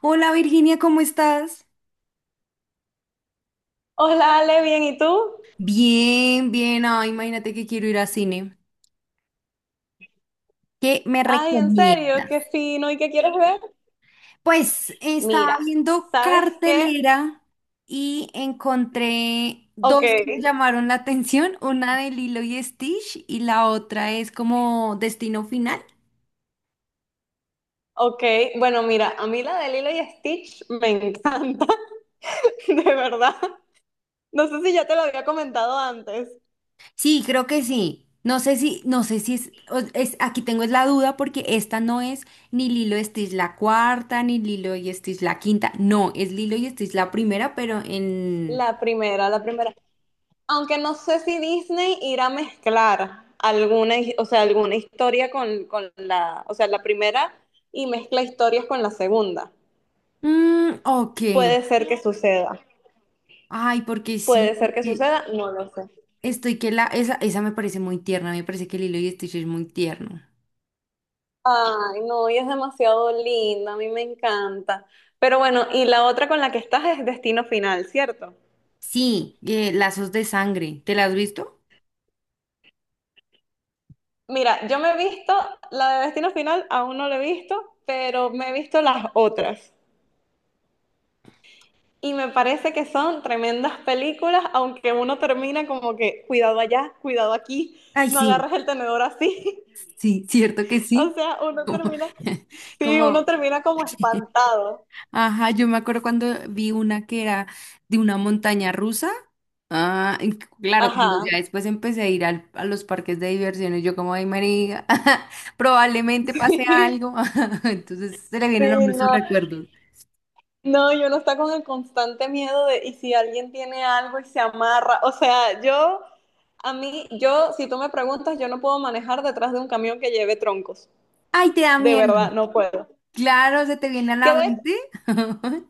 Hola Virginia, ¿cómo estás? Hola Ale, bien, ¿y tú? Bien, bien. Ay, imagínate que quiero ir a cine. ¿Qué me Ay, en serio, qué recomiendas? fino, ¿y qué quieres ver? Pues estaba Mira, viendo ¿sabes qué? cartelera y encontré Ok, dos que me llamaron la atención, una de Lilo y Stitch y la otra es como Destino Final. ok, bueno, mira, a mí la de Lilo y Stitch me encanta, de verdad. No sé si ya te lo había comentado antes. Sí, creo que sí. No sé si, no sé si es, aquí tengo es la duda porque esta no es ni Lilo y Stitch la cuarta, ni Lilo y Stitch la quinta. No, es Lilo y Stitch la primera, pero en... La primera, la primera. Aunque no sé si Disney irá a mezclar alguna, o sea, alguna historia con la, o sea, la primera y mezcla historias con la segunda. Ok. Puede ser que suceda. Ay, porque Puede sí, ser que que suceda, no lo sé. estoy que la... Esa me parece muy tierna, me parece que Lilo y Stitch es muy tierno. Ay, no, y es demasiado linda, a mí me encanta. Pero bueno, y la otra con la que estás es Destino Final, ¿cierto? Sí, lazos de sangre. ¿Te la has visto? Mira, yo me he visto, la de Destino Final aún no la he visto, pero me he visto las otras. Y me parece que son tremendas películas, aunque uno termina como que, cuidado allá, cuidado aquí, Ay, no sí, agarres el tenedor así. sí, cierto que O sí. sea, uno Como, termina, sí, uno como termina como espantado. Ajá, yo me acuerdo cuando vi una que era de una montaña rusa. Ah, y claro, cuando Ajá. ya después empecé a ir a los parques de diversiones, yo como, ay, María, probablemente pase algo. Entonces se le Sí, vienen a uno esos no, recuerdos. no, yo no está con el constante miedo de, y si alguien tiene algo y se amarra, o sea, yo, a mí, yo, si tú me preguntas, yo no puedo manejar detrás de un camión que lleve troncos, Ay, te da de verdad, miedo. no puedo. Claro, se te viene a Que la de, mente.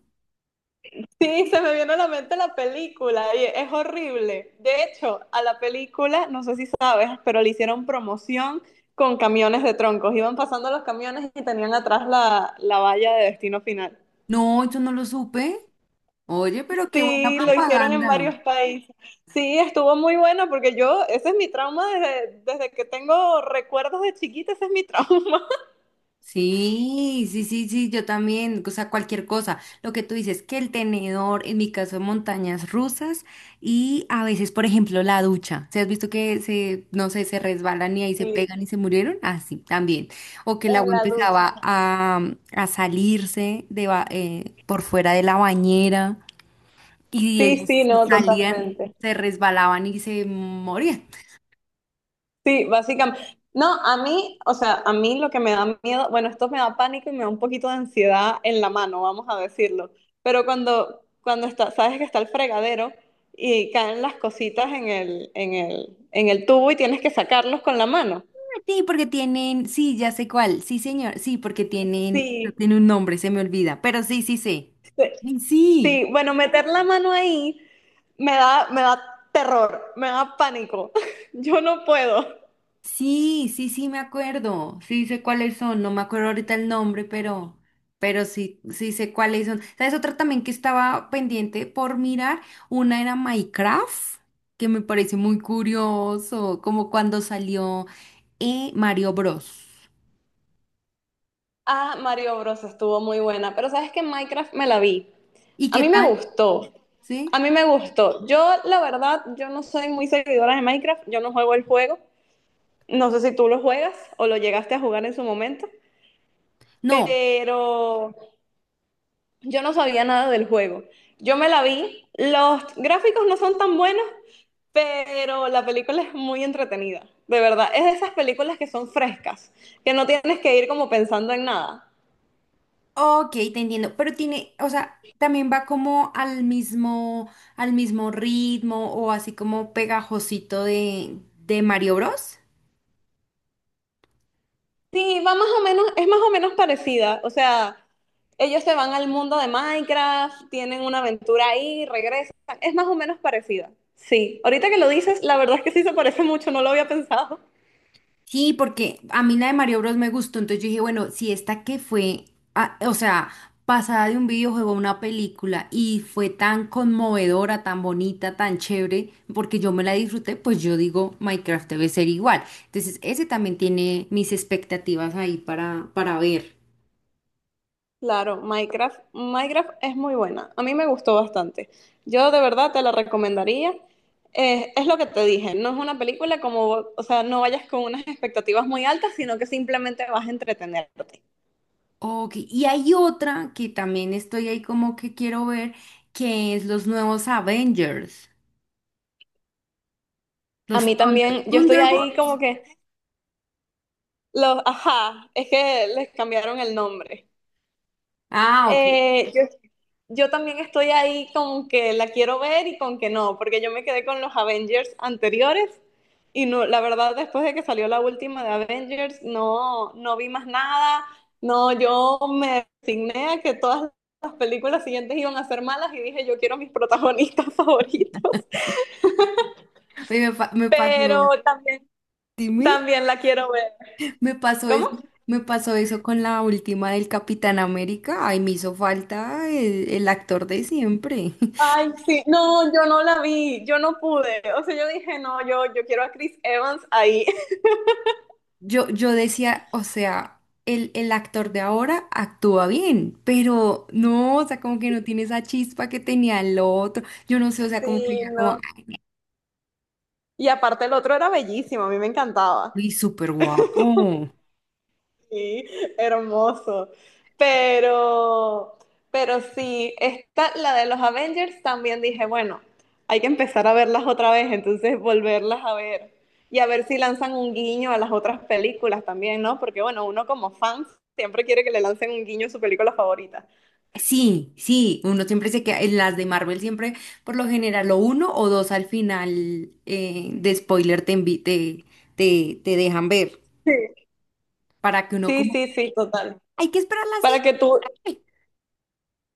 sí, se me viene a la mente la película y es horrible. De hecho, a la película, no sé si sabes, pero le hicieron promoción con camiones de troncos, iban pasando los camiones y tenían atrás la valla de destino final. No, yo no lo supe. Oye, pero qué buena Sí, lo hicieron en propaganda. varios países. Sí, estuvo muy bueno porque yo, ese es mi trauma desde, desde que tengo recuerdos de chiquita, ese es mi trauma. Sí, sí, sí, sí, yo también, o sea, cualquier cosa. Lo que tú dices, que el tenedor, en mi caso, montañas rusas y a veces, por ejemplo, la ducha. ¿Se has visto que se, no sé, se resbalan y ahí se Sí, pegan y se murieron? Así, también. O que el en agua la ducha. empezaba a, a salirse de, por fuera de la bañera y Sí, ellos sí, se no, salían, totalmente. se resbalaban y se morían. Sí, básicamente. No, a mí, o sea, a mí lo que me da miedo, bueno, esto me da pánico y me da un poquito de ansiedad en la mano, vamos a decirlo. Pero cuando está, sabes que está el fregadero y caen las cositas en el tubo y tienes que sacarlos con la mano. Sí, porque tienen, sí, ya sé cuál, sí, señor, sí, porque tienen, no Sí, tiene un nombre, se me olvida, pero sí, sí sé. sí, Ay, sí, sí, bueno, meter la mano ahí me da terror, me da pánico. Yo no puedo. sí, sí, sí, me acuerdo, sí sé cuáles son, no me acuerdo ahorita el nombre, pero sí, sí sé cuáles son. ¿Sabes? Otra también que estaba pendiente por mirar, una era Minecraft, que me parece muy curioso, como cuando salió Mario Bros. Ah, Mario Bros. Estuvo muy buena, pero sabes que Minecraft me la vi. ¿Y A qué mí me tal? gustó, a ¿Sí? mí me gustó. Yo, la verdad, yo no soy muy seguidora de Minecraft, yo no juego el juego. No sé si tú lo juegas o lo llegaste a jugar en su momento, No. pero yo no sabía nada del juego. Yo me la vi, los gráficos no son tan buenos, pero la película es muy entretenida, de verdad. Es de esas películas que son frescas, que no tienes que ir como pensando en nada. Ok, te entiendo, pero tiene, o sea, también va como al mismo ritmo o así como pegajosito de Mario Bros. Sí, va más o menos, es más o menos parecida, o sea, ellos se van al mundo de Minecraft, tienen una aventura ahí, regresan, es más o menos parecida. Sí, ahorita que lo dices, la verdad es que sí se parece mucho, no lo había pensado. Sí, porque a mí la de Mario Bros me gustó, entonces yo dije, bueno, si esta que fue, ah, o sea, pasada de un videojuego a una película y fue tan conmovedora, tan bonita, tan chévere, porque yo me la disfruté, pues yo digo, Minecraft debe ser igual. Entonces, ese también tiene mis expectativas ahí para ver. Claro, Minecraft, Minecraft es muy buena. A mí me gustó bastante. Yo de verdad te la recomendaría. Es lo que te dije, no es una película como, o sea, no vayas con unas expectativas muy altas, sino que simplemente vas a entretenerte. Ok, y hay otra que también estoy ahí como que quiero ver, que es los nuevos Avengers, A los mí también, yo estoy ahí Thunderbolts. como que los, ajá, es que les cambiaron el nombre. Ah, ok. Eh, yo yo también estoy ahí con que la quiero ver y con que no, porque yo me quedé con los Avengers anteriores y no, la verdad después de que salió la última de Avengers no, no vi más nada, no, yo me resigné a que todas las películas siguientes iban a ser malas y dije yo quiero mis protagonistas favoritos, Oye, me, me pero pasó, también, dime, también la quiero ver. me pasó eso, ¿Cómo? me pasó eso con la última del Capitán América. Ay, me hizo falta el actor de siempre. Ay, sí, no, yo no la vi, yo no pude, o sea, yo dije, no, yo quiero a Chris Evans ahí. Yo decía, o sea, el actor de ahora actúa bien, pero no, o sea, como que no tiene esa chispa que tenía el otro. Yo no sé, o sea, como que Sí, ya como... no. Y aparte el otro era bellísimo, a mí me encantaba. Y súper guapo. Sí, hermoso. Pero, pero sí, esta, la de los Avengers también dije, bueno, hay que empezar a verlas otra vez, entonces volverlas a ver. Y a ver si lanzan un guiño a las otras películas también, ¿no? Porque bueno, uno como fan siempre quiere que le lancen un guiño a su película favorita. Sí, sí, uno siempre se queda, en las de Marvel siempre, por lo general, o uno o dos al final de spoiler te, te, te, te dejan ver, Sí, para que uno sí, como, sí, sí, total. hay que esperar la Para que tú, siguiente",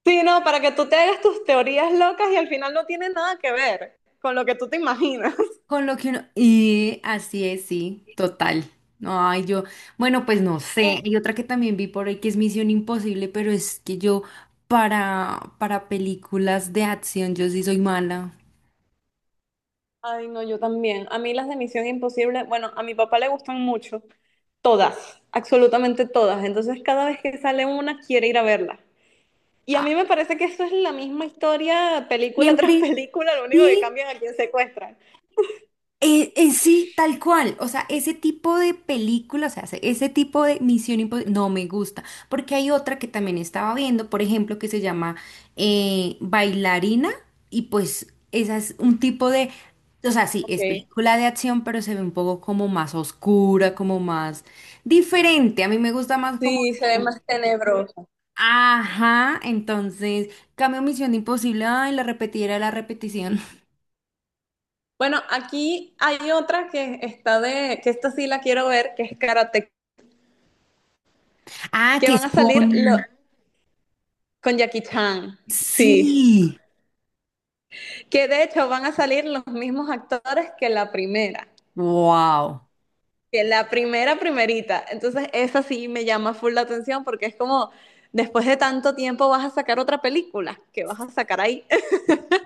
sí, no, para que tú te hagas tus teorías locas y al final no tiene nada que ver con lo que tú te imaginas. con lo que uno, y así es, sí, total. Ay, yo, bueno, pues no sé, hay otra que también vi por ahí que es Misión Imposible, pero es que yo para películas de acción, yo sí soy mala. Ay, no, yo también. A mí las de Misión Imposible, bueno, a mi papá le gustan mucho, todas, absolutamente todas. Entonces cada vez que sale una quiere ir a verla. Y a mí Ah, me parece que eso es la misma historia, película tras siempre, película, lo único que sí. cambian a quién secuestran. Sí, tal cual. O sea, ese tipo de películas, o sea, ese tipo de Misión Imposible, no me gusta. Porque hay otra que también estaba viendo, por ejemplo, que se llama Bailarina. Y pues, esa es un tipo de. O sea, sí, es Okay. película de acción, pero se ve un poco como más oscura, como más diferente. A mí me gusta más como. Sí, se ve más tenebroso. Ajá, entonces, cambio Misión Imposible. Ay, la repetida, la repetición. Bueno, aquí hay otra que está de, que esta sí la quiero ver, que es Karate, Ah, que que van es a salir con. con Jackie Chan. Sí. Sí. Que de hecho van a salir los mismos actores que la primera. Wow. Que la primera primerita. Entonces, esa sí me llama full la atención porque es como, después de tanto tiempo vas a sacar otra película, que vas a sacar ahí.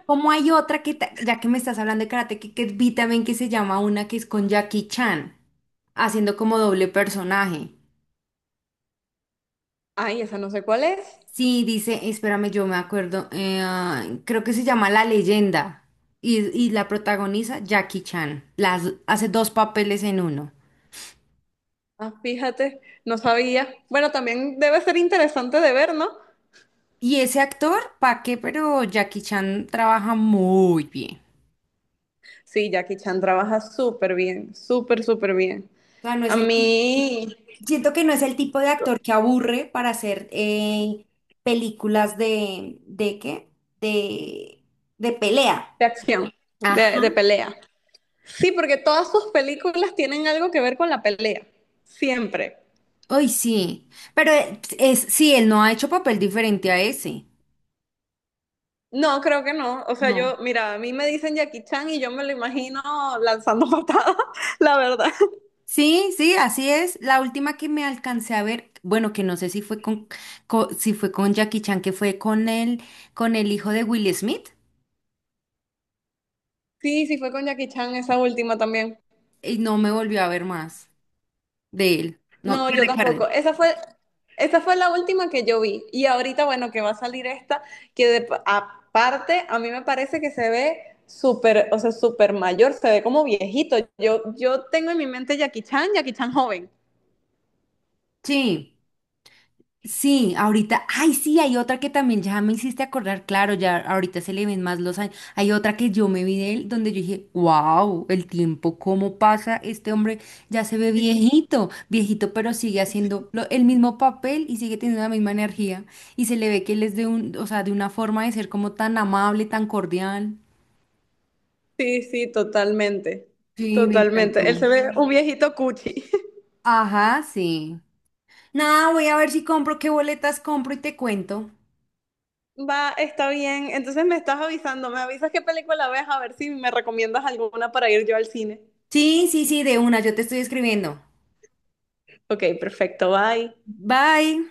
¿Cómo hay otra que, ya que me estás hablando de karate, que vi también que se llama una que es con Jackie Chan, haciendo como doble personaje? Ay, esa no sé cuál es. Sí, dice, espérame, yo me acuerdo, creo que se llama La Leyenda y la protagoniza Jackie Chan. Las, hace dos papeles en uno. Ah, fíjate, no sabía. Bueno, también debe ser interesante de ver, ¿no? Y ese actor, ¿pa' qué? Pero Jackie Chan trabaja muy bien. Sí, Jackie Chan trabaja súper bien, súper, súper bien. O sea, no A es el, mí, siento que no es el tipo de actor que aburre para hacer películas ¿de qué? De, de pelea. de acción, Ajá. De pelea. Sí, porque todas sus películas tienen algo que ver con la pelea, siempre. Uy, sí. Pero es, sí, él no ha hecho papel diferente a ese. No, creo que no. O sea, No. yo, mira, a mí me dicen Jackie Chan y yo me lo imagino lanzando patadas, la verdad. Sí, sí, así es. La última que me alcancé a ver, bueno, que no sé si fue con, si fue con Jackie Chan, que fue con él, con el hijo de Will Smith, Sí, sí fue con Jackie Chan esa última también. y no me volvió a ver más de él. No, No, que yo tampoco. recuerden. Esa fue la última que yo vi. Y ahorita, bueno, que va a salir esta, aparte a mí me parece que se ve súper, o sea, súper mayor, se ve como viejito. Yo tengo en mi mente Jackie Chan, Jackie Chan joven. Sí. Sí, ahorita, ay, sí, hay otra que también ya me hiciste acordar, claro, ya ahorita se le ven más los años. Hay otra que yo me vi de él donde yo dije, wow, el tiempo, cómo pasa, este hombre ya se ve viejito, viejito, pero sigue haciendo el mismo papel y sigue teniendo la misma energía. Y se le ve que él es de un, o sea, de una forma de ser como tan amable, tan cordial. Sí, sí, totalmente. Sí, me Totalmente. Él se encantó. ve un viejito cuchi. Ajá, sí. Nada, voy a ver si compro, qué boletas compro y te cuento. Va, está bien. Entonces me estás avisando, me avisas qué película ves, a ver si me recomiendas alguna para ir yo al cine. Sí, sí, sí, de una, yo te estoy escribiendo. Ok, perfecto, bye. Bye.